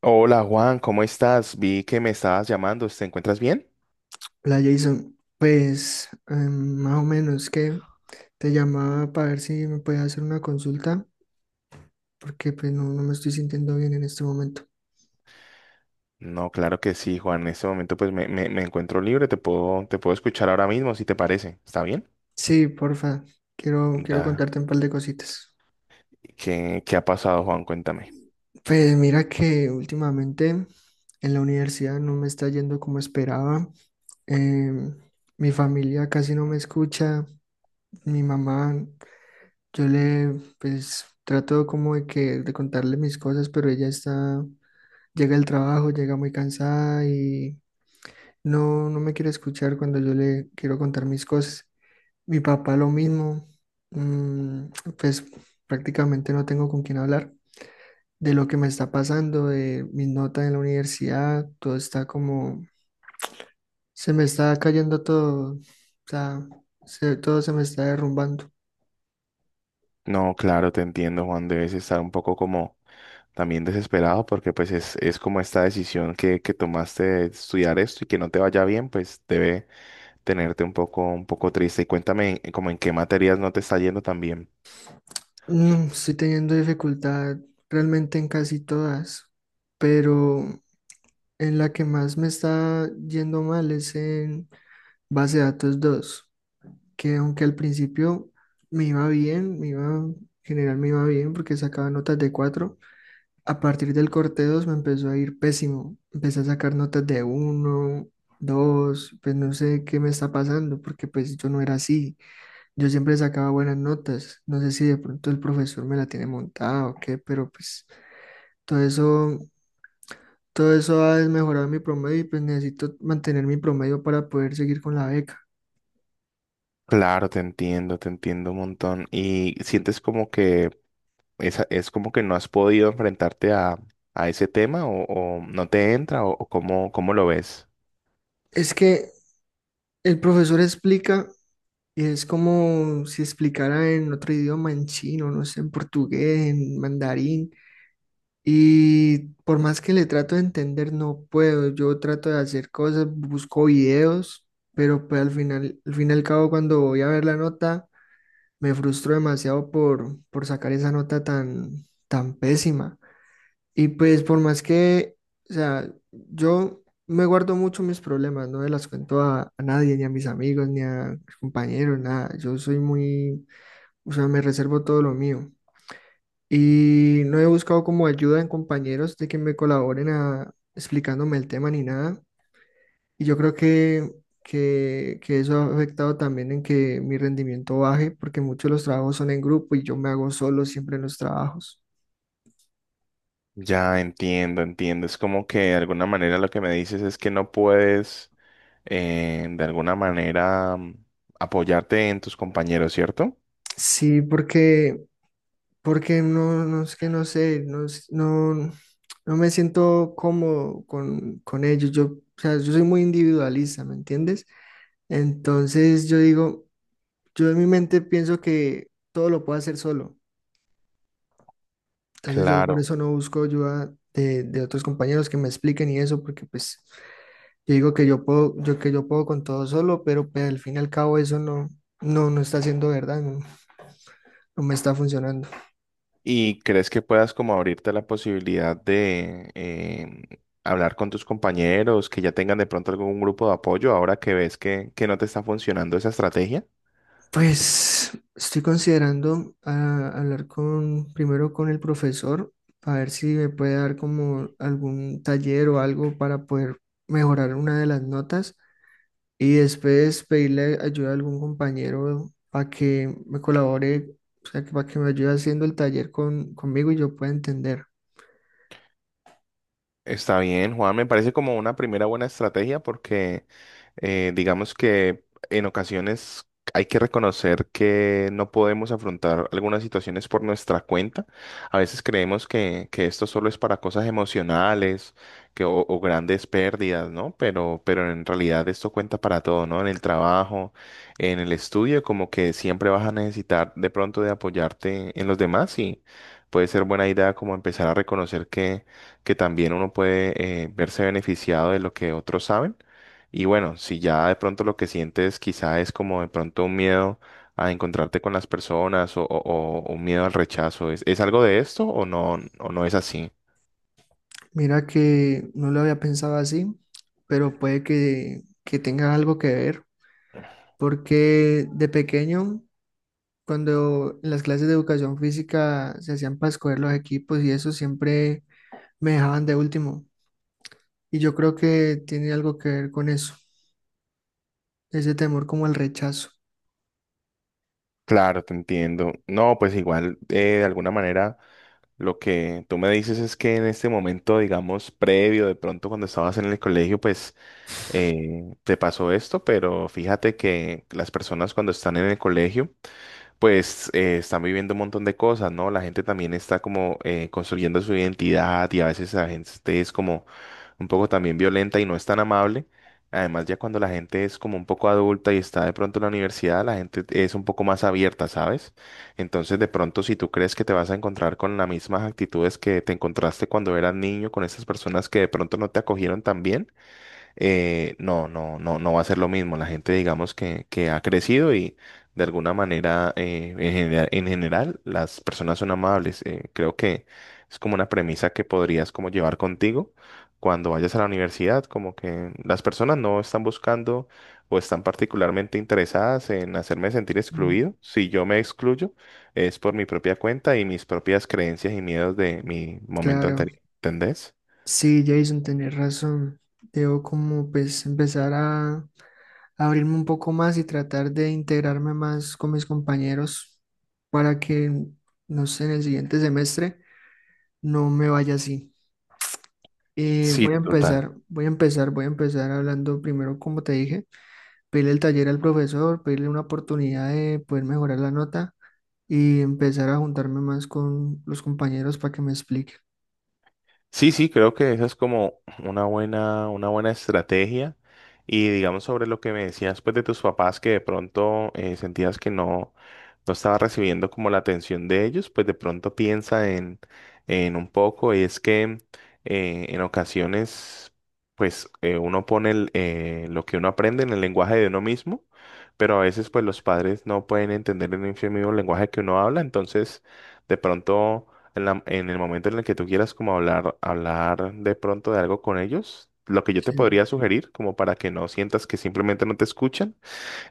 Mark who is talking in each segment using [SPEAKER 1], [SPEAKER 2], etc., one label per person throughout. [SPEAKER 1] Hola Juan, ¿cómo estás? Vi que me estabas llamando, ¿te encuentras bien?
[SPEAKER 2] Hola Jason, pues más o menos que te llamaba para ver si me puedes hacer una consulta, porque pues no me estoy sintiendo bien en este momento.
[SPEAKER 1] No, claro que sí, Juan. En este momento pues me encuentro libre, te puedo escuchar ahora mismo si te parece. ¿Está bien?
[SPEAKER 2] Sí, porfa, quiero
[SPEAKER 1] Da.
[SPEAKER 2] contarte un par de cositas.
[SPEAKER 1] ¿Qué ha pasado, Juan? Cuéntame.
[SPEAKER 2] Pues mira que últimamente en la universidad no me está yendo como esperaba. Em, mi familia casi no me escucha, mi mamá, yo le pues trato como de contarle mis cosas, pero ella está llega el trabajo, llega muy cansada y no me quiere escuchar cuando yo le quiero contar mis cosas. Mi papá lo mismo, mm, pues prácticamente no tengo con quién hablar de lo que me está pasando, de mis notas en la universidad, todo está como, se me está cayendo todo, o sea, todo se me está derrumbando.
[SPEAKER 1] No, claro, te entiendo, Juan. Debes estar un poco como también desesperado porque pues es como esta decisión que tomaste de estudiar esto y que no te vaya bien, pues debe tenerte un poco triste. Y cuéntame como en qué materias no te está yendo tan bien.
[SPEAKER 2] No, estoy teniendo dificultad realmente en casi todas, pero en la que más me está yendo mal es Base de datos dos, que aunque al principio me iba bien, me iba, en general me iba bien porque sacaba notas de cuatro. A partir del corte 2 me empezó a ir pésimo. Empecé a sacar notas de uno, dos; pues no sé qué me está pasando porque pues yo no era así. Yo siempre sacaba buenas notas, no sé si de pronto el profesor me la tiene montada o qué, pero pues todo eso, ha desmejorado mi promedio y pues necesito mantener mi promedio para poder seguir con la beca.
[SPEAKER 1] Claro, te entiendo un montón. Y sientes como que esa, es como que no has podido enfrentarte a ese tema o no te entra o cómo lo ves.
[SPEAKER 2] Es que el profesor explica y es como si explicara en otro idioma, en chino, no sé, en portugués, en mandarín. Y por más que le trato de entender, no puedo. Yo trato de hacer cosas, busco videos, pero pues al final, al fin y al cabo, cuando voy a ver la nota, me frustro demasiado por sacar esa nota tan pésima. Y pues por más que, o sea, yo me guardo mucho mis problemas, no me las cuento a nadie, ni a mis amigos, ni a mis compañeros, nada. Yo soy muy, o sea, me reservo todo lo mío. Y no he buscado como ayuda en compañeros de que me colaboren a, explicándome el tema ni nada. Y yo creo que, que eso ha afectado también en que mi rendimiento baje, porque muchos de los trabajos son en grupo y yo me hago solo siempre en los trabajos.
[SPEAKER 1] Ya entiendo, entiendo. Es como que de alguna manera lo que me dices es que no puedes de alguna manera apoyarte en tus compañeros, ¿cierto?
[SPEAKER 2] Sí, porque... no es que no sé, no, no me siento cómodo con ellos. Yo, o sea, yo soy muy individualista, ¿me entiendes? Entonces yo digo, yo en mi mente pienso que todo lo puedo hacer solo. Entonces yo por
[SPEAKER 1] Claro.
[SPEAKER 2] eso no busco ayuda de otros compañeros que me expliquen y eso, porque pues yo digo que yo puedo, yo que yo puedo con todo solo, pero pues, al fin y al cabo eso no, no está siendo verdad, no me está funcionando.
[SPEAKER 1] ¿Y crees que puedas como abrirte la posibilidad de hablar con tus compañeros que ya tengan de pronto algún grupo de apoyo ahora que ves que no te está funcionando esa estrategia?
[SPEAKER 2] Pues estoy considerando hablar primero con el profesor, a ver si me puede dar como algún taller o algo para poder mejorar una de las notas y después pedirle ayuda a algún compañero para que me colabore, o sea, que para que me ayude haciendo el taller conmigo y yo pueda entender.
[SPEAKER 1] Está bien, Juan, me parece como una primera buena estrategia porque digamos que en ocasiones hay que reconocer que no podemos afrontar algunas situaciones por nuestra cuenta. A veces creemos que esto solo es para cosas emocionales que, o grandes pérdidas, ¿no? Pero en realidad esto cuenta para todo, ¿no? En el trabajo, en el estudio, como que siempre vas a necesitar de pronto de apoyarte en los demás y puede ser buena idea como empezar a reconocer que también uno puede verse beneficiado de lo que otros saben. Y bueno, si ya de pronto lo que sientes quizá es como de pronto un miedo a encontrarte con las personas o un miedo al rechazo, es algo de esto o no es así?
[SPEAKER 2] Mira que no lo había pensado así, pero puede que tenga algo que ver, porque de pequeño... Cuando en las clases de educación física se hacían para escoger los equipos y eso siempre me dejaban de último. Y yo creo que tiene algo que ver con eso, ese temor como al rechazo.
[SPEAKER 1] Claro, te entiendo. No, pues igual, de alguna manera, lo que tú me dices es que en este momento, digamos, previo, de pronto cuando estabas en el colegio, pues te pasó esto, pero fíjate que las personas cuando están en el colegio, pues están viviendo un montón de cosas, ¿no? La gente también está como construyendo su identidad y a veces la gente es como un poco también violenta y no es tan amable. Además, ya cuando la gente es como un poco adulta y está de pronto en la universidad, la gente es un poco más abierta, ¿sabes? Entonces, de pronto, si tú crees que te vas a encontrar con las mismas actitudes que te encontraste cuando eras niño, con esas personas que de pronto no te acogieron tan bien, no va a ser lo mismo. La gente, digamos, que ha crecido y de alguna manera, en general, las personas son amables. Creo que es como una premisa que podrías como llevar contigo cuando vayas a la universidad, como que las personas no están buscando o están particularmente interesadas en hacerme sentir
[SPEAKER 2] Mm.
[SPEAKER 1] excluido. Si yo me excluyo, es por mi propia cuenta y mis propias creencias y miedos de mi momento
[SPEAKER 2] Claro,
[SPEAKER 1] anterior. ¿Entendés?
[SPEAKER 2] sí, Jason, tenés razón. Debo como pues empezar a abrirme un poco más y tratar de integrarme más con mis compañeros para que, no sé, en el siguiente semestre no me vaya así.
[SPEAKER 1] Sí, sí, total.
[SPEAKER 2] Voy a empezar hablando primero, como te dije, pedirle el taller al profesor, pedirle una oportunidad de poder mejorar la nota y empezar a juntarme más con los compañeros para que me explique.
[SPEAKER 1] Sí, sí, creo que esa es como una buena estrategia. Y digamos sobre lo que me decías pues de tus papás que de pronto sentías que no, no estaba recibiendo como la atención de ellos, pues de pronto piensa en un poco y es que en ocasiones pues uno pone el, lo que uno aprende en el lenguaje de uno mismo, pero a veces pues los padres no pueden entender en el mismo lenguaje que uno habla, entonces de pronto en la- en el momento en el que tú quieras como hablar, hablar de pronto de algo con ellos, lo que yo te
[SPEAKER 2] Sí.
[SPEAKER 1] podría sugerir, como para que no sientas que simplemente no te escuchan,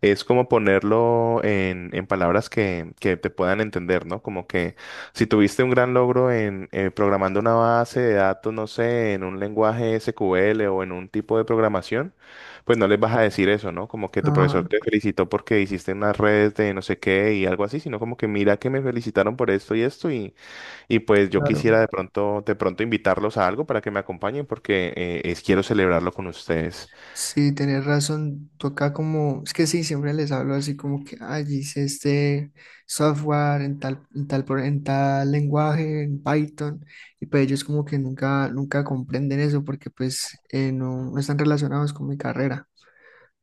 [SPEAKER 1] es como ponerlo en palabras que te puedan entender, ¿no? Como que si tuviste un gran logro en programando una base de datos, no sé, en un lenguaje SQL o en un tipo de programación, pues no les vas a decir eso, ¿no? Como que tu
[SPEAKER 2] Ajá,
[SPEAKER 1] profesor te felicitó porque hiciste unas redes de no sé qué y algo así, sino como que mira que me felicitaron por esto y esto y pues yo
[SPEAKER 2] claro.
[SPEAKER 1] quisiera de pronto invitarlos a algo para que me acompañen porque es- quiero celebrarlo con ustedes.
[SPEAKER 2] Sí, tenés razón, toca como, es que sí, siempre les hablo así como que, ay, hice este software en tal lenguaje, en Python, y pues ellos como que nunca comprenden eso porque pues no están relacionados con mi carrera.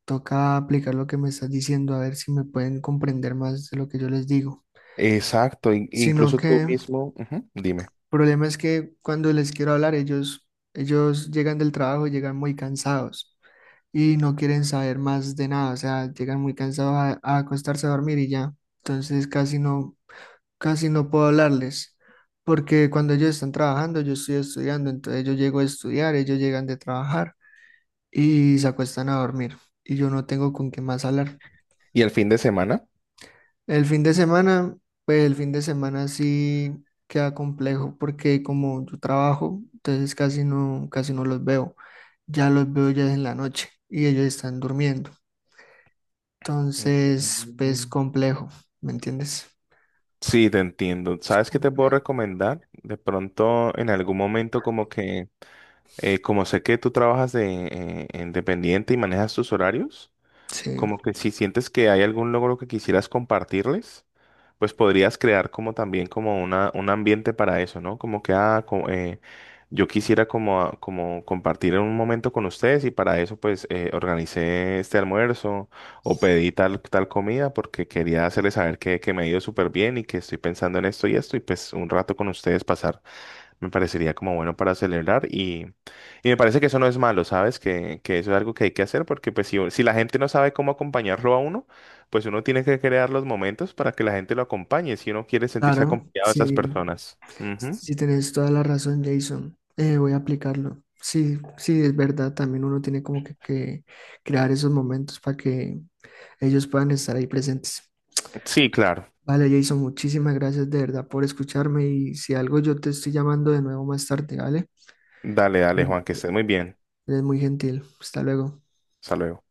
[SPEAKER 2] Toca aplicar lo que me estás diciendo a ver si me pueden comprender más de lo que yo les digo.
[SPEAKER 1] Exacto, in-
[SPEAKER 2] Sino
[SPEAKER 1] incluso tú
[SPEAKER 2] que el
[SPEAKER 1] mismo, ujú, dime.
[SPEAKER 2] problema es que cuando les quiero hablar, ellos llegan del trabajo, llegan muy cansados. Y no quieren saber más de nada, o sea, llegan muy cansados a acostarse a dormir y ya. Entonces casi no puedo hablarles, porque cuando ellos están trabajando, yo estoy estudiando, entonces yo llego a estudiar, ellos llegan de trabajar y se acuestan a dormir y yo no tengo con qué más hablar.
[SPEAKER 1] ¿Y el fin de semana?
[SPEAKER 2] El fin de semana, pues el fin de semana sí queda complejo porque como yo trabajo, entonces casi no los veo. Ya los veo ya en la noche y ellos están durmiendo. Entonces, pues
[SPEAKER 1] Mm.
[SPEAKER 2] complejo, ¿me entiendes?
[SPEAKER 1] Sí, te entiendo.
[SPEAKER 2] Es
[SPEAKER 1] ¿Sabes qué te puedo
[SPEAKER 2] complejo.
[SPEAKER 1] recomendar? De pronto, en algún momento, como que, como sé que tú trabajas de independiente y manejas tus horarios,
[SPEAKER 2] Sí,
[SPEAKER 1] como que si sientes que hay algún logro que quisieras compartirles, pues podrías crear como también como una, un ambiente para eso, ¿no? Como que, ah, co- yo quisiera como, a- como compartir un momento con ustedes y para eso pues organicé este almuerzo o pedí tal comida porque quería hacerles saber que me ha ido súper bien y que estoy pensando en esto y esto y pues un rato con ustedes pasar. Me parecería como bueno para celebrar y me parece que eso no es malo, ¿sabes? Que eso es algo que hay que hacer porque pues si, si la gente no sabe cómo acompañarlo a uno, pues uno tiene que crear los momentos para que la gente lo acompañe si uno quiere sentirse
[SPEAKER 2] claro,
[SPEAKER 1] acompañado de esas
[SPEAKER 2] sí,
[SPEAKER 1] personas. Ujú.
[SPEAKER 2] sí tienes toda la razón, Jason. Voy a aplicarlo. Sí, sí, es verdad, también uno tiene como que, crear esos momentos para que ellos puedan estar ahí presentes.
[SPEAKER 1] Sí, claro.
[SPEAKER 2] Vale, Jason, muchísimas gracias de verdad por escucharme y si algo yo te estoy llamando de nuevo más tarde, ¿vale?
[SPEAKER 1] Dale, dale, Juan, que estés muy bien.
[SPEAKER 2] Eres muy gentil. Hasta luego.
[SPEAKER 1] Hasta luego.